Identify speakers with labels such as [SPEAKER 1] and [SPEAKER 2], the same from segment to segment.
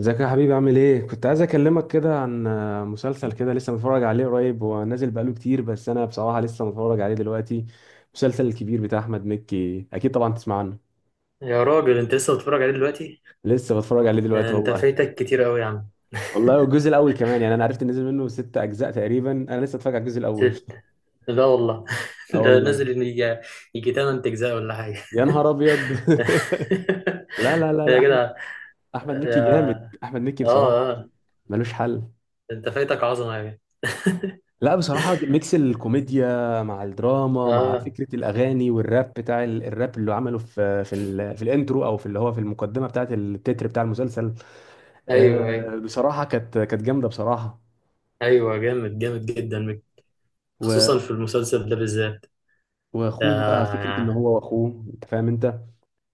[SPEAKER 1] ازيك يا حبيبي؟ عامل ايه؟ كنت عايز اكلمك كده عن مسلسل كده لسه متفرج عليه قريب، هو نازل بقاله كتير بس انا بصراحة لسه متفرج عليه دلوقتي. المسلسل الكبير بتاع احمد مكي، اكيد طبعا تسمع عنه.
[SPEAKER 2] يا راجل انت لسه بتتفرج عليه دلوقتي؟
[SPEAKER 1] لسه بتفرج عليه دلوقتي
[SPEAKER 2] انت
[SPEAKER 1] والله.
[SPEAKER 2] فايتك كتير قوي يا عم.
[SPEAKER 1] والله، والجزء الاول كمان يعني، انا عرفت ان نزل منه ست اجزاء تقريبا، انا لسه اتفرج على الجزء الاول.
[SPEAKER 2] ست؟ لا والله.
[SPEAKER 1] اه
[SPEAKER 2] ده
[SPEAKER 1] والله.
[SPEAKER 2] نازل ان يجي 8 اجزاء ولا حاجه.
[SPEAKER 1] يا نهار ابيض. لا لا لا
[SPEAKER 2] يا
[SPEAKER 1] لا، احمد.
[SPEAKER 2] جدع.
[SPEAKER 1] احمد مكي
[SPEAKER 2] يا
[SPEAKER 1] جامد، احمد مكي بصراحة
[SPEAKER 2] اه،
[SPEAKER 1] ملوش حل.
[SPEAKER 2] انت فايتك عظمه يا جدع.
[SPEAKER 1] لا بصراحة، ميكس الكوميديا مع الدراما مع
[SPEAKER 2] اه،
[SPEAKER 1] فكرة الأغاني والراب بتاع الراب اللي عمله في في الانترو أو في اللي هو في المقدمة بتاعة التتر بتاع المسلسل.
[SPEAKER 2] ايوه ايوه.
[SPEAKER 1] بصراحة كانت جامدة بصراحة.
[SPEAKER 2] ايوه جامد جامد جدا، خصوصا
[SPEAKER 1] و-
[SPEAKER 2] في المسلسل ده بالذات.
[SPEAKER 1] وأخوه بقى، فكرة إن
[SPEAKER 2] آه،
[SPEAKER 1] هو وأخوه، أنت فاهم أنت.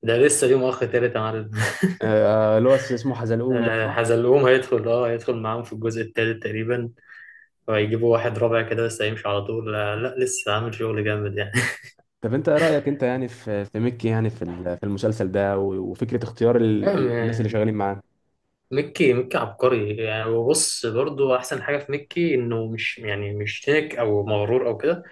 [SPEAKER 2] ده لسه ليه مؤخ تالت يا معلم.
[SPEAKER 1] اللي هو اسمه حزلقون ده، صح؟
[SPEAKER 2] حزلقوم هيدخل، اه هيدخل معاهم في الجزء التالت تقريبا، فيجيبوا واحد رابع كده لسه هيمشي على طول. لا, لا لسه عامل شغل جامد يعني.
[SPEAKER 1] طب أنت إيه رأيك أنت يعني في ميكي، يعني في في المسلسل ده، وفكرة اختيار الناس اللي
[SPEAKER 2] أم-
[SPEAKER 1] شغالين معاه؟
[SPEAKER 2] ميكي عبقري يعني، وبص برضو أحسن حاجة في ميكي إنه مش يعني مش تنك أو مغرور أو كده.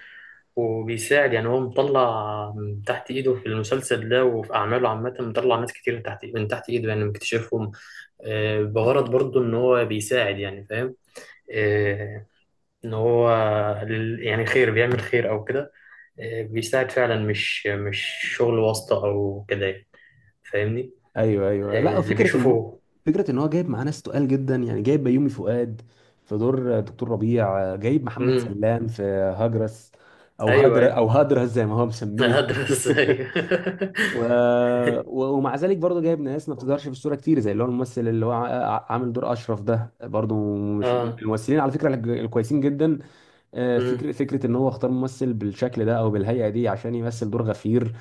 [SPEAKER 2] وبيساعد يعني، هو مطلع من تحت إيده في المسلسل ده، وفي أعماله عامة مطلع ناس كتير من تحت من تحت إيده يعني، مكتشفهم. بغرض برضو إن هو بيساعد، يعني فاهم. آه، ان هو يعني خير، بيعمل خير او كده. بيساعد فعلا، مش شغل واسطة او كده يعني، فاهمني.
[SPEAKER 1] ايوه ايوه، لا
[SPEAKER 2] اللي بيشوفه.
[SPEAKER 1] فكره ان هو جايب معاه ناس تقال جدا، يعني جايب بيومي فؤاد في دور دكتور ربيع، جايب محمد
[SPEAKER 2] امم.
[SPEAKER 1] سلام في هجرس او
[SPEAKER 2] ايوه ايوه.
[SPEAKER 1] هدرس زي ما هو مسميه.
[SPEAKER 2] هدرس، ايوه.
[SPEAKER 1] و... ومع ذلك برضه جايب ناس ما بتظهرش في الصوره كتير، زي اللي هو الممثل اللي هو عامل دور اشرف ده برضه، مش
[SPEAKER 2] اه.
[SPEAKER 1] الممثلين على فكره الكويسين جدا. آه، فكره
[SPEAKER 2] امم.
[SPEAKER 1] فكره ان هو اختار ممثل بالشكل ده او بالهيئه دي عشان يمثل دور غفير.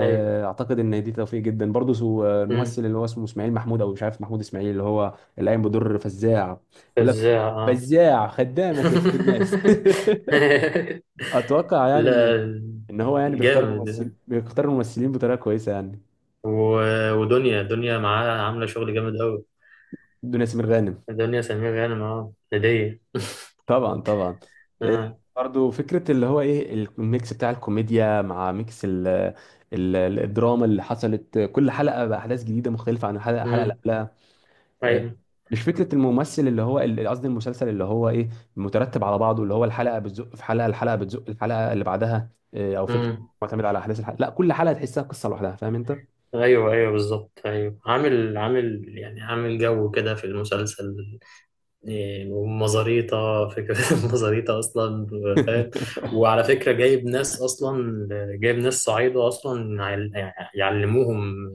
[SPEAKER 2] ايوه.
[SPEAKER 1] اعتقد ان دي توفيق جدا برضه،
[SPEAKER 2] امم.
[SPEAKER 1] الممثل اللي هو اسمه اسماعيل محمود، او مش عارف، محمود اسماعيل، اللي هو اللي قايم بدور فزاع. يقول لك
[SPEAKER 2] فزاع اه.
[SPEAKER 1] فزاع خدامك يا سيد الناس. اتوقع يعني ان
[SPEAKER 2] لا،
[SPEAKER 1] ان هو يعني
[SPEAKER 2] جامد.
[SPEAKER 1] بيختار الممثلين بطريقه كويسه يعني.
[SPEAKER 2] ودنيا دنيا معاها عاملة شغل جامد قوي.
[SPEAKER 1] بدون ياسمين غانم.
[SPEAKER 2] دنيا سمير غانم، اه هدية.
[SPEAKER 1] طبعا طبعا.
[SPEAKER 2] اه.
[SPEAKER 1] برضه فكره اللي هو ايه، الميكس بتاع الكوميديا مع ميكس الدراما اللي حصلت، كل حلقه باحداث جديده مختلفه عن الحلقه اللي
[SPEAKER 2] امم.
[SPEAKER 1] قبلها. آه،
[SPEAKER 2] ايوه.
[SPEAKER 1] مش فكره الممثل اللي هو قصدي المسلسل اللي هو ايه، مترتب على بعضه، اللي هو الحلقه بتزق الحلقه اللي بعدها، او فكره
[SPEAKER 2] امم.
[SPEAKER 1] معتمد على احداث الحلقه، لا كل حلقه تحسها قصه لوحدها، فاهم انت.
[SPEAKER 2] ايوه ايوه بالظبط. ايوه عامل عامل جو كده في المسلسل. إيه، ومزاريطة فكرة، مزاريطة أصلا، فاهم. وعلى فكرة جايب ناس أصلا، جايب ناس صعيدة أصلا يعلموهم.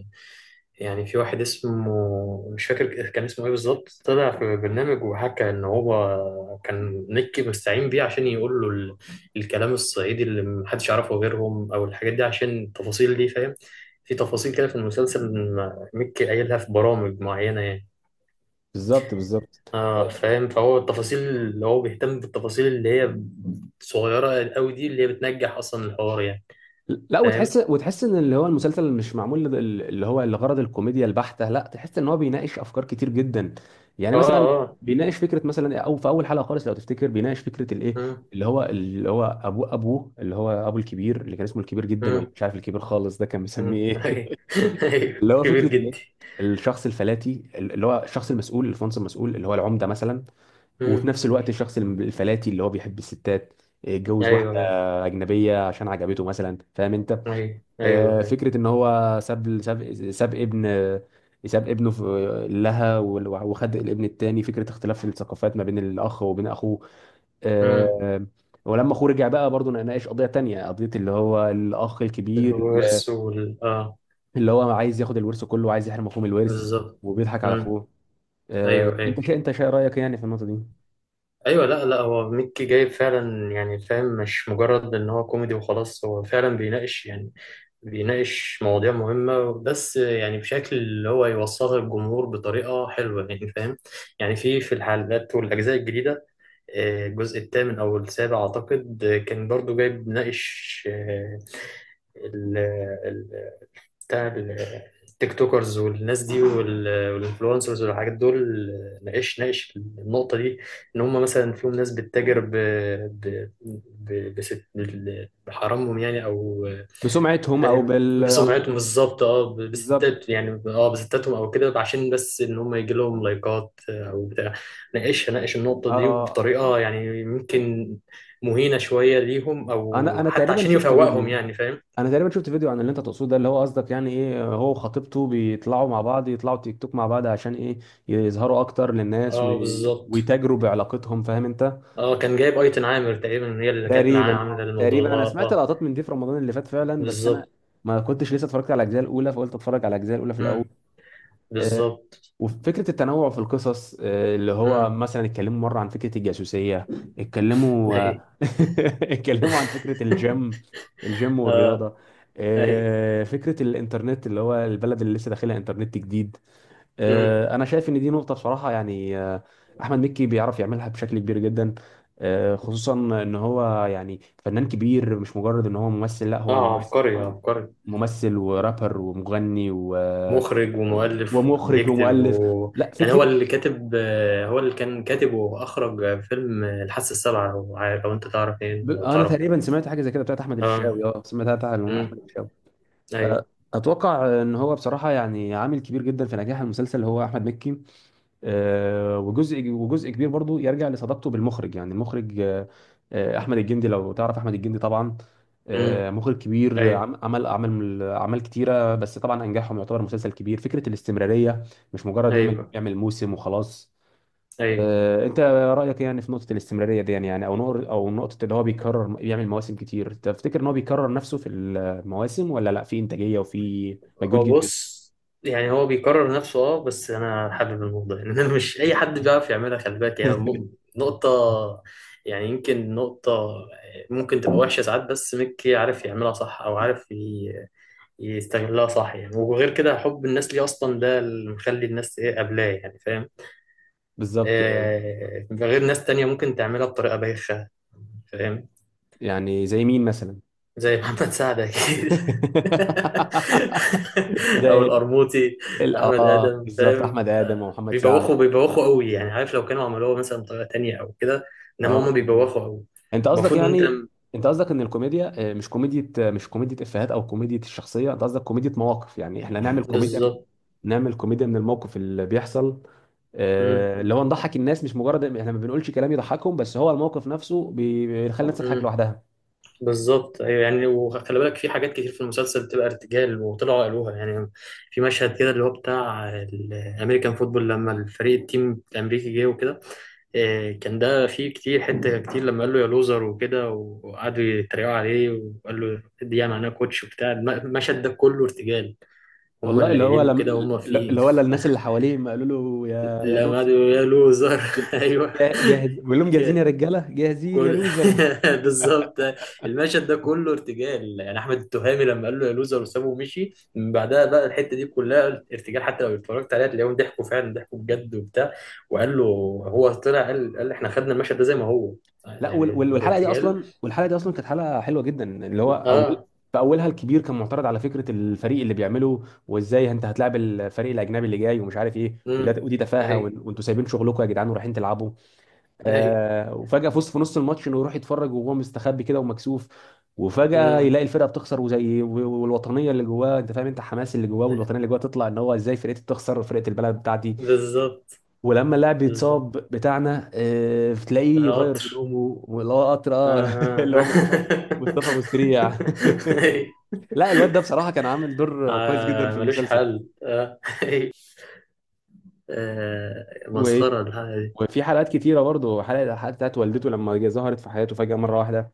[SPEAKER 2] يعني في واحد اسمه مش فاكر كان اسمه إيه بالظبط، طلع في برنامج وحكى إن هو كان مكي مستعين بيه عشان يقول له الكلام الصعيدي اللي محدش يعرفه غيرهم، أو الحاجات دي عشان التفاصيل دي، فاهم. في تفاصيل كده في المسلسل، مكي قايلها في برامج معينة يعني.
[SPEAKER 1] بالظبط بالظبط.
[SPEAKER 2] اه فاهم، فهو التفاصيل اللي هو بيهتم بالتفاصيل اللي هي صغيرة قوي دي، اللي هي بتنجح اصلا الحوار يعني،
[SPEAKER 1] لا
[SPEAKER 2] فاهم.
[SPEAKER 1] وتحس ان اللي هو المسلسل مش معمول اللي هو لغرض الكوميديا البحتة، لا تحس ان هو بيناقش افكار كتير جدا. يعني
[SPEAKER 2] اه
[SPEAKER 1] مثلا
[SPEAKER 2] اه
[SPEAKER 1] بيناقش فكرة مثلا، او في اول حلقة خالص لو تفتكر، بيناقش فكرة الايه،
[SPEAKER 2] مم،
[SPEAKER 1] اللي هو ابوه اللي هو ابو الكبير اللي كان اسمه الكبير جدا، ولا
[SPEAKER 2] مم،
[SPEAKER 1] مش عارف الكبير خالص، ده كان مسميه
[SPEAKER 2] مم. ايوه.
[SPEAKER 1] ايه؟
[SPEAKER 2] أيوة.
[SPEAKER 1] اللي هو
[SPEAKER 2] كبير
[SPEAKER 1] فكرة الايه،
[SPEAKER 2] جدي.
[SPEAKER 1] الشخص الفلاتي اللي هو الشخص المسؤول، الفونس المسؤول اللي هو العمدة مثلا، وفي
[SPEAKER 2] مم.
[SPEAKER 1] نفس الوقت الشخص الفلاتي اللي هو بيحب الستات، اتجوز
[SPEAKER 2] ايوه
[SPEAKER 1] واحدة
[SPEAKER 2] ايوه.
[SPEAKER 1] أجنبية عشان عجبته مثلا، فاهم انت.
[SPEAKER 2] ايوه ايوه. أيوة.
[SPEAKER 1] فكره ان هو ساب ابنه في لها، وخد الابن التاني، فكره اختلاف الثقافات ما بين الاخ وبين اخوه.
[SPEAKER 2] مم.
[SPEAKER 1] آه، ولما اخوه رجع بقى برضه، ناقش قضيه تانية، قضيه اللي هو الاخ الكبير
[SPEAKER 2] الورث وال اه.
[SPEAKER 1] اللي هو عايز ياخد الورث كله وعايز يحرم اخوه من الورث
[SPEAKER 2] بالظبط.
[SPEAKER 1] وبيضحك على
[SPEAKER 2] مم.
[SPEAKER 1] اخوه.
[SPEAKER 2] ايوه ايوه.
[SPEAKER 1] انت شا رايك يعني في النقطه دي؟
[SPEAKER 2] ايوه لا هو ميكي جايب فعلا يعني فاهم، مش مجرد ان هو كوميدي وخلاص، هو فعلا بيناقش يعني، بيناقش مواضيع مهمة، بس يعني بشكل اللي هو يوصلها للجمهور بطريقة حلوة. يعني فاهم، يعني في في الحلقات والأجزاء الجديدة، الجزء الثامن أو السابع أعتقد، كان برضو جايب ناقش بتاع التيك توكرز والناس دي، والانفلونسرز والحاجات دول. ناقش النقطة دي، إن هم مثلا فيهم ناس بتتاجر ب بحرامهم يعني، أو
[SPEAKER 1] بسمعتهم او
[SPEAKER 2] فاهم بسمعتهم بالظبط، أه
[SPEAKER 1] بالظبط،
[SPEAKER 2] بستات يعني، أه بستاتهم أو كده، عشان بس إن هم يجي لهم لايكات أو بتاع. ناقش النقطة دي
[SPEAKER 1] اه.
[SPEAKER 2] بطريقة يعني ممكن مهينة شوية ليهم،
[SPEAKER 1] انا
[SPEAKER 2] أو
[SPEAKER 1] انا
[SPEAKER 2] حتى
[SPEAKER 1] تقريبا
[SPEAKER 2] عشان
[SPEAKER 1] شفت
[SPEAKER 2] يفوقهم
[SPEAKER 1] فيديو،
[SPEAKER 2] يعني فاهم.
[SPEAKER 1] عن اللي انت تقصده ده، اللي هو قصدك يعني ايه، هو وخطيبته بيطلعوا مع بعض يطلعوا تيك توك مع بعض عشان ايه، يظهروا اكتر للناس
[SPEAKER 2] أه بالظبط.
[SPEAKER 1] ويتاجروا بعلاقتهم، فاهم انت.
[SPEAKER 2] اه كان جايب ايتن عامر تقريبا هي اللي كانت معاه
[SPEAKER 1] تقريبا، اه،
[SPEAKER 2] عامله الموضوع ده.
[SPEAKER 1] تقريبا انا
[SPEAKER 2] اه
[SPEAKER 1] سمعت
[SPEAKER 2] اه
[SPEAKER 1] لقطات من دي في رمضان اللي فات فعلا، بس انا
[SPEAKER 2] بالظبط.
[SPEAKER 1] ما كنتش لسه اتفرجت على الاجزاء الاولى، فقلت اتفرج على الاجزاء الاولى في الاول.
[SPEAKER 2] امم.
[SPEAKER 1] آه،
[SPEAKER 2] بالظبط.
[SPEAKER 1] وفكرة التنوع في القصص، اللي هو
[SPEAKER 2] امم.
[SPEAKER 1] مثلا اتكلموا مرة عن فكرة الجاسوسية، اتكلموا آه،
[SPEAKER 2] اي.
[SPEAKER 1] اتكلموا عن فكرة الجيم والرياضة،
[SPEAKER 2] اي.
[SPEAKER 1] فكرة الإنترنت اللي هو البلد اللي لسه داخلها إنترنت جديد.
[SPEAKER 2] امم.
[SPEAKER 1] أنا شايف إن دي نقطة بصراحة، يعني أحمد مكي بيعرف يعملها بشكل كبير جدا. خصوصا إن هو يعني فنان كبير، مش مجرد إن هو ممثل، لا هو
[SPEAKER 2] اه
[SPEAKER 1] ممثل
[SPEAKER 2] عبقري عبقري.
[SPEAKER 1] ممثل ورابر ومغني
[SPEAKER 2] مخرج ومؤلف
[SPEAKER 1] ومخرج
[SPEAKER 2] بيكتب
[SPEAKER 1] ومؤلف.
[SPEAKER 2] و...
[SPEAKER 1] لا،
[SPEAKER 2] يعني هو اللي
[SPEAKER 1] فكرة،
[SPEAKER 2] كاتب، هو اللي كان كاتب واخرج فيلم الحاسه السابعه، لو لو انت تعرف، ايه لو
[SPEAKER 1] انا
[SPEAKER 2] تعرف.
[SPEAKER 1] تقريبا سمعت حاجه زي كده بتاعت احمد الفيشاوي،
[SPEAKER 2] اه.
[SPEAKER 1] اه سمعتها بتاعت
[SPEAKER 2] امم.
[SPEAKER 1] احمد الفيشاوي. أه،
[SPEAKER 2] ايوه.
[SPEAKER 1] اتوقع ان هو بصراحه يعني عامل كبير جدا في نجاح المسلسل اللي هو احمد مكي. وجزء كبير برضو يرجع لصداقته بالمخرج، يعني المخرج، أه، أه، احمد الجندي، لو تعرف احمد الجندي طبعا.
[SPEAKER 2] امم.
[SPEAKER 1] مخرج كبير،
[SPEAKER 2] ايوه
[SPEAKER 1] عمل اعمال كتيره، بس طبعا انجحهم يعتبر مسلسل كبير، فكره الاستمراريه، مش مجرد يعمل
[SPEAKER 2] ايوه.
[SPEAKER 1] يعمل موسم وخلاص.
[SPEAKER 2] ايوه
[SPEAKER 1] انت رايك يعني في نقطه الاستمراريه دي، يعني يعني او نقطه اللي هو بيكرر بيعمل مواسم كتير، تفتكر ان هو بيكرر نفسه في المواسم ولا لا، في انتاجيه وفي مجهود
[SPEAKER 2] هو
[SPEAKER 1] جدا بس؟
[SPEAKER 2] بص، يعني هو بيكرر نفسه اه، بس انا حابب الموضوع يعني. انا مش اي حد بيعرف يعملها، خلي بالك هي نقطة، يعني يمكن نقطة ممكن تبقى وحشة ساعات، بس ميكي عارف يعملها صح، او عارف يستغلها صح يعني. وغير كده حب الناس ليه اصلا، ده اللي مخلي الناس ايه قبلاه يعني فاهم.
[SPEAKER 1] بالظبط.
[SPEAKER 2] آه غير ناس تانية ممكن تعملها بطريقة بايخة، فاهم.
[SPEAKER 1] يعني زي مين مثلا؟
[SPEAKER 2] زي محمد سعد اكيد. او
[SPEAKER 1] زي
[SPEAKER 2] القرموطي. احمد
[SPEAKER 1] اه،
[SPEAKER 2] ادم
[SPEAKER 1] بالظبط،
[SPEAKER 2] فاهم،
[SPEAKER 1] احمد ادم ومحمد سعد.
[SPEAKER 2] بيبوخوا قوي يعني، عارف لو كانوا عملوها مثلا بطريقه تانية او كده، انما هما
[SPEAKER 1] اه
[SPEAKER 2] بيبوخوا قوي.
[SPEAKER 1] انت قصدك
[SPEAKER 2] المفروض ان انت
[SPEAKER 1] يعني انت قصدك ان الكوميديا، مش كوميديا افيهات او كوميديا الشخصيه، انت قصدك كوميديا مواقف، يعني احنا
[SPEAKER 2] بالظبط.
[SPEAKER 1] نعمل كوميديا من الموقف اللي بيحصل،
[SPEAKER 2] مم.
[SPEAKER 1] اللي هو نضحك الناس، مش مجرد احنا ما بنقولش كلام يضحكهم، بس هو الموقف نفسه بيخلي الناس تضحك
[SPEAKER 2] مم.
[SPEAKER 1] لوحدها.
[SPEAKER 2] بالظبط. ايوه يعني، وخلي بالك في حاجات كتير في المسلسل بتبقى ارتجال وطلعوا قالوها يعني. في مشهد كده اللي هو بتاع الامريكان فوتبول، لما الفريق التيم الامريكي جه وكده، كان ده فيه كتير حته كتير، لما قال له يا لوزر وكده وقعدوا يتريقوا عليه، وقال له دي يعني معناها كوتش وبتاع، المشهد ده كله ارتجال. هم
[SPEAKER 1] والله
[SPEAKER 2] اللي
[SPEAKER 1] اللي هو
[SPEAKER 2] قايلينه
[SPEAKER 1] لم...
[SPEAKER 2] كده، هم فيه
[SPEAKER 1] اللي هو الناس اللي حواليه ما قالوا له يا
[SPEAKER 2] لما قعدوا يقولوا يا لوزر. ايوه.
[SPEAKER 1] جاهز، بقول لهم جاهزين يا رجاله، جاهزين يا
[SPEAKER 2] كل
[SPEAKER 1] لوزر.
[SPEAKER 2] بالظبط، المشهد ده كله ارتجال يعني، احمد التهامي لما قال له يا لوزر وسابه ومشي، من بعدها بقى الحته دي كلها ارتجال، حتى لو اتفرجت عليها تلاقيهم ضحكوا فعلا، ضحكوا بجد وبتاع. وقال له، هو طلع قال احنا خدنا المشهد ده زي ما هو،
[SPEAKER 1] لا
[SPEAKER 2] يعني بالارتجال.
[SPEAKER 1] والحلقه دي اصلا كانت حلقه حلوه جدا، اللي هو اول
[SPEAKER 2] اه.
[SPEAKER 1] في اولها الكبير كان معترض على فكره الفريق اللي بيعمله، وازاي انت هتلاعب الفريق الاجنبي اللي جاي ومش عارف ايه،
[SPEAKER 2] امم.
[SPEAKER 1] وده ودي تفاهه،
[SPEAKER 2] ايوه
[SPEAKER 1] وانتوا سايبين شغلكم يا جدعان ورايحين تلعبوا.
[SPEAKER 2] ايوه.
[SPEAKER 1] وفجأة فوز في نص الماتش انه يروح يتفرج وهو مستخبي كده ومكسوف، وفجأة
[SPEAKER 2] امم.
[SPEAKER 1] يلاقي الفرقة بتخسر، والوطنية اللي جواه، انت فاهم انت، حماس اللي جواه والوطنية اللي جواه تطلع ان هو ازاي فرقتي بتخسر، فرقة البلد بتاعتي.
[SPEAKER 2] بالظبط
[SPEAKER 1] ولما اللاعب
[SPEAKER 2] بالظبط.
[SPEAKER 1] يتصاب بتاعنا، بتلاقيه يغير
[SPEAKER 2] القطر.
[SPEAKER 1] هدومه اللي هو قطر،
[SPEAKER 2] اه
[SPEAKER 1] اه. اللي هو مصطفى
[SPEAKER 2] اه
[SPEAKER 1] مصطفى ابو السريع.
[SPEAKER 2] أيوة.
[SPEAKER 1] لا الواد ده بصراحة كان عامل دور كويس جدا في
[SPEAKER 2] ملوش
[SPEAKER 1] المسلسل.
[SPEAKER 2] حل آه. آه
[SPEAKER 1] و-
[SPEAKER 2] مسخرة الحاجة دي.
[SPEAKER 1] وفي حلقات كتيرة برضه، الحلقة بتاعت والدته لما ظهرت في حياته فجأة مرة واحدة.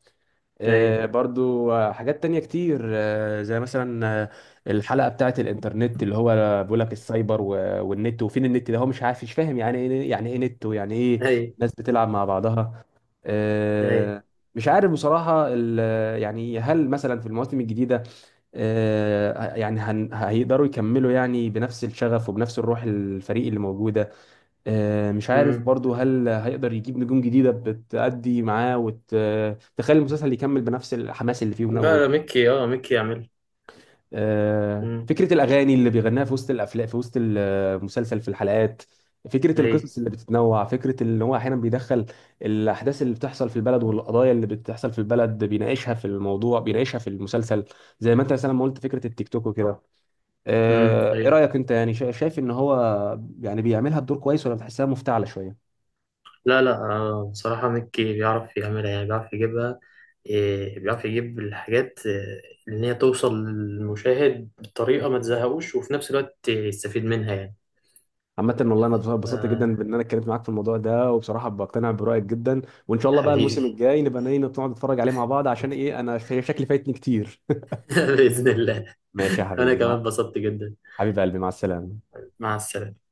[SPEAKER 2] أي.
[SPEAKER 1] برضو حاجات تانية كتير، زي مثلا الحلقة بتاعت الانترنت اللي هو بيقول لك السايبر والنت، وفين النت ده، هو مش عارف مش فاهم يعني ايه، يعني ايه نت، ويعني ايه
[SPEAKER 2] أي.
[SPEAKER 1] ناس بتلعب مع بعضها.
[SPEAKER 2] أي.
[SPEAKER 1] آه، مش عارف بصراحة يعني هل مثلا في المواسم الجديدة، يعني هيقدروا يكملوا يعني بنفس الشغف وبنفس الروح، الفريق اللي موجودة. مش عارف
[SPEAKER 2] مم.
[SPEAKER 1] برضو هل هيقدر يجيب نجوم جديدة بتأدي معاه وتخلي المسلسل يكمل بنفس الحماس اللي فيه
[SPEAKER 2] لا لا ميكي اه ميكي يعمل. مم.
[SPEAKER 1] فكرة الأغاني اللي بيغناها في وسط الأفلام، في وسط المسلسل، في الحلقات، فكرة
[SPEAKER 2] أي.
[SPEAKER 1] القصص اللي بتتنوع، فكرة اللي هو أحيانا بيدخل الأحداث اللي بتحصل في البلد والقضايا اللي بتحصل في البلد، بيناقشها في الموضوع، بيناقشها في المسلسل، زي ما أنت مثلا ما قلت فكرة التيك توك وكده.
[SPEAKER 2] مم.
[SPEAKER 1] إيه
[SPEAKER 2] أي.
[SPEAKER 1] رأيك أنت، يعني شايف إن هو يعني بيعملها بدور كويس ولا بتحسها مفتعلة شوية؟
[SPEAKER 2] لا آه بصراحة ميكي بيعرف يعملها يعني، بيعرف يجيبها، إيه بيعرف يجيب الحاجات، إن هي توصل للمشاهد بطريقة ما تزهقوش، وفي نفس الوقت يستفيد منها يعني.
[SPEAKER 1] عامة والله انا اتبسطت
[SPEAKER 2] آه
[SPEAKER 1] جدا بان انا اتكلمت معاك في الموضوع ده، وبصراحة بقتنع برأيك جدا، وان شاء الله بقى الموسم
[SPEAKER 2] حبيبي.
[SPEAKER 1] الجاي نبقى نيجي نقعد نتفرج عليه مع بعض، عشان ايه، انا شكلي فايتني كتير.
[SPEAKER 2] بإذن الله.
[SPEAKER 1] ماشي يا
[SPEAKER 2] أنا
[SPEAKER 1] حبيبي،
[SPEAKER 2] كمان اتبسطت جدا.
[SPEAKER 1] حبيب قلبي، مع السلامة.
[SPEAKER 2] مع السلامة.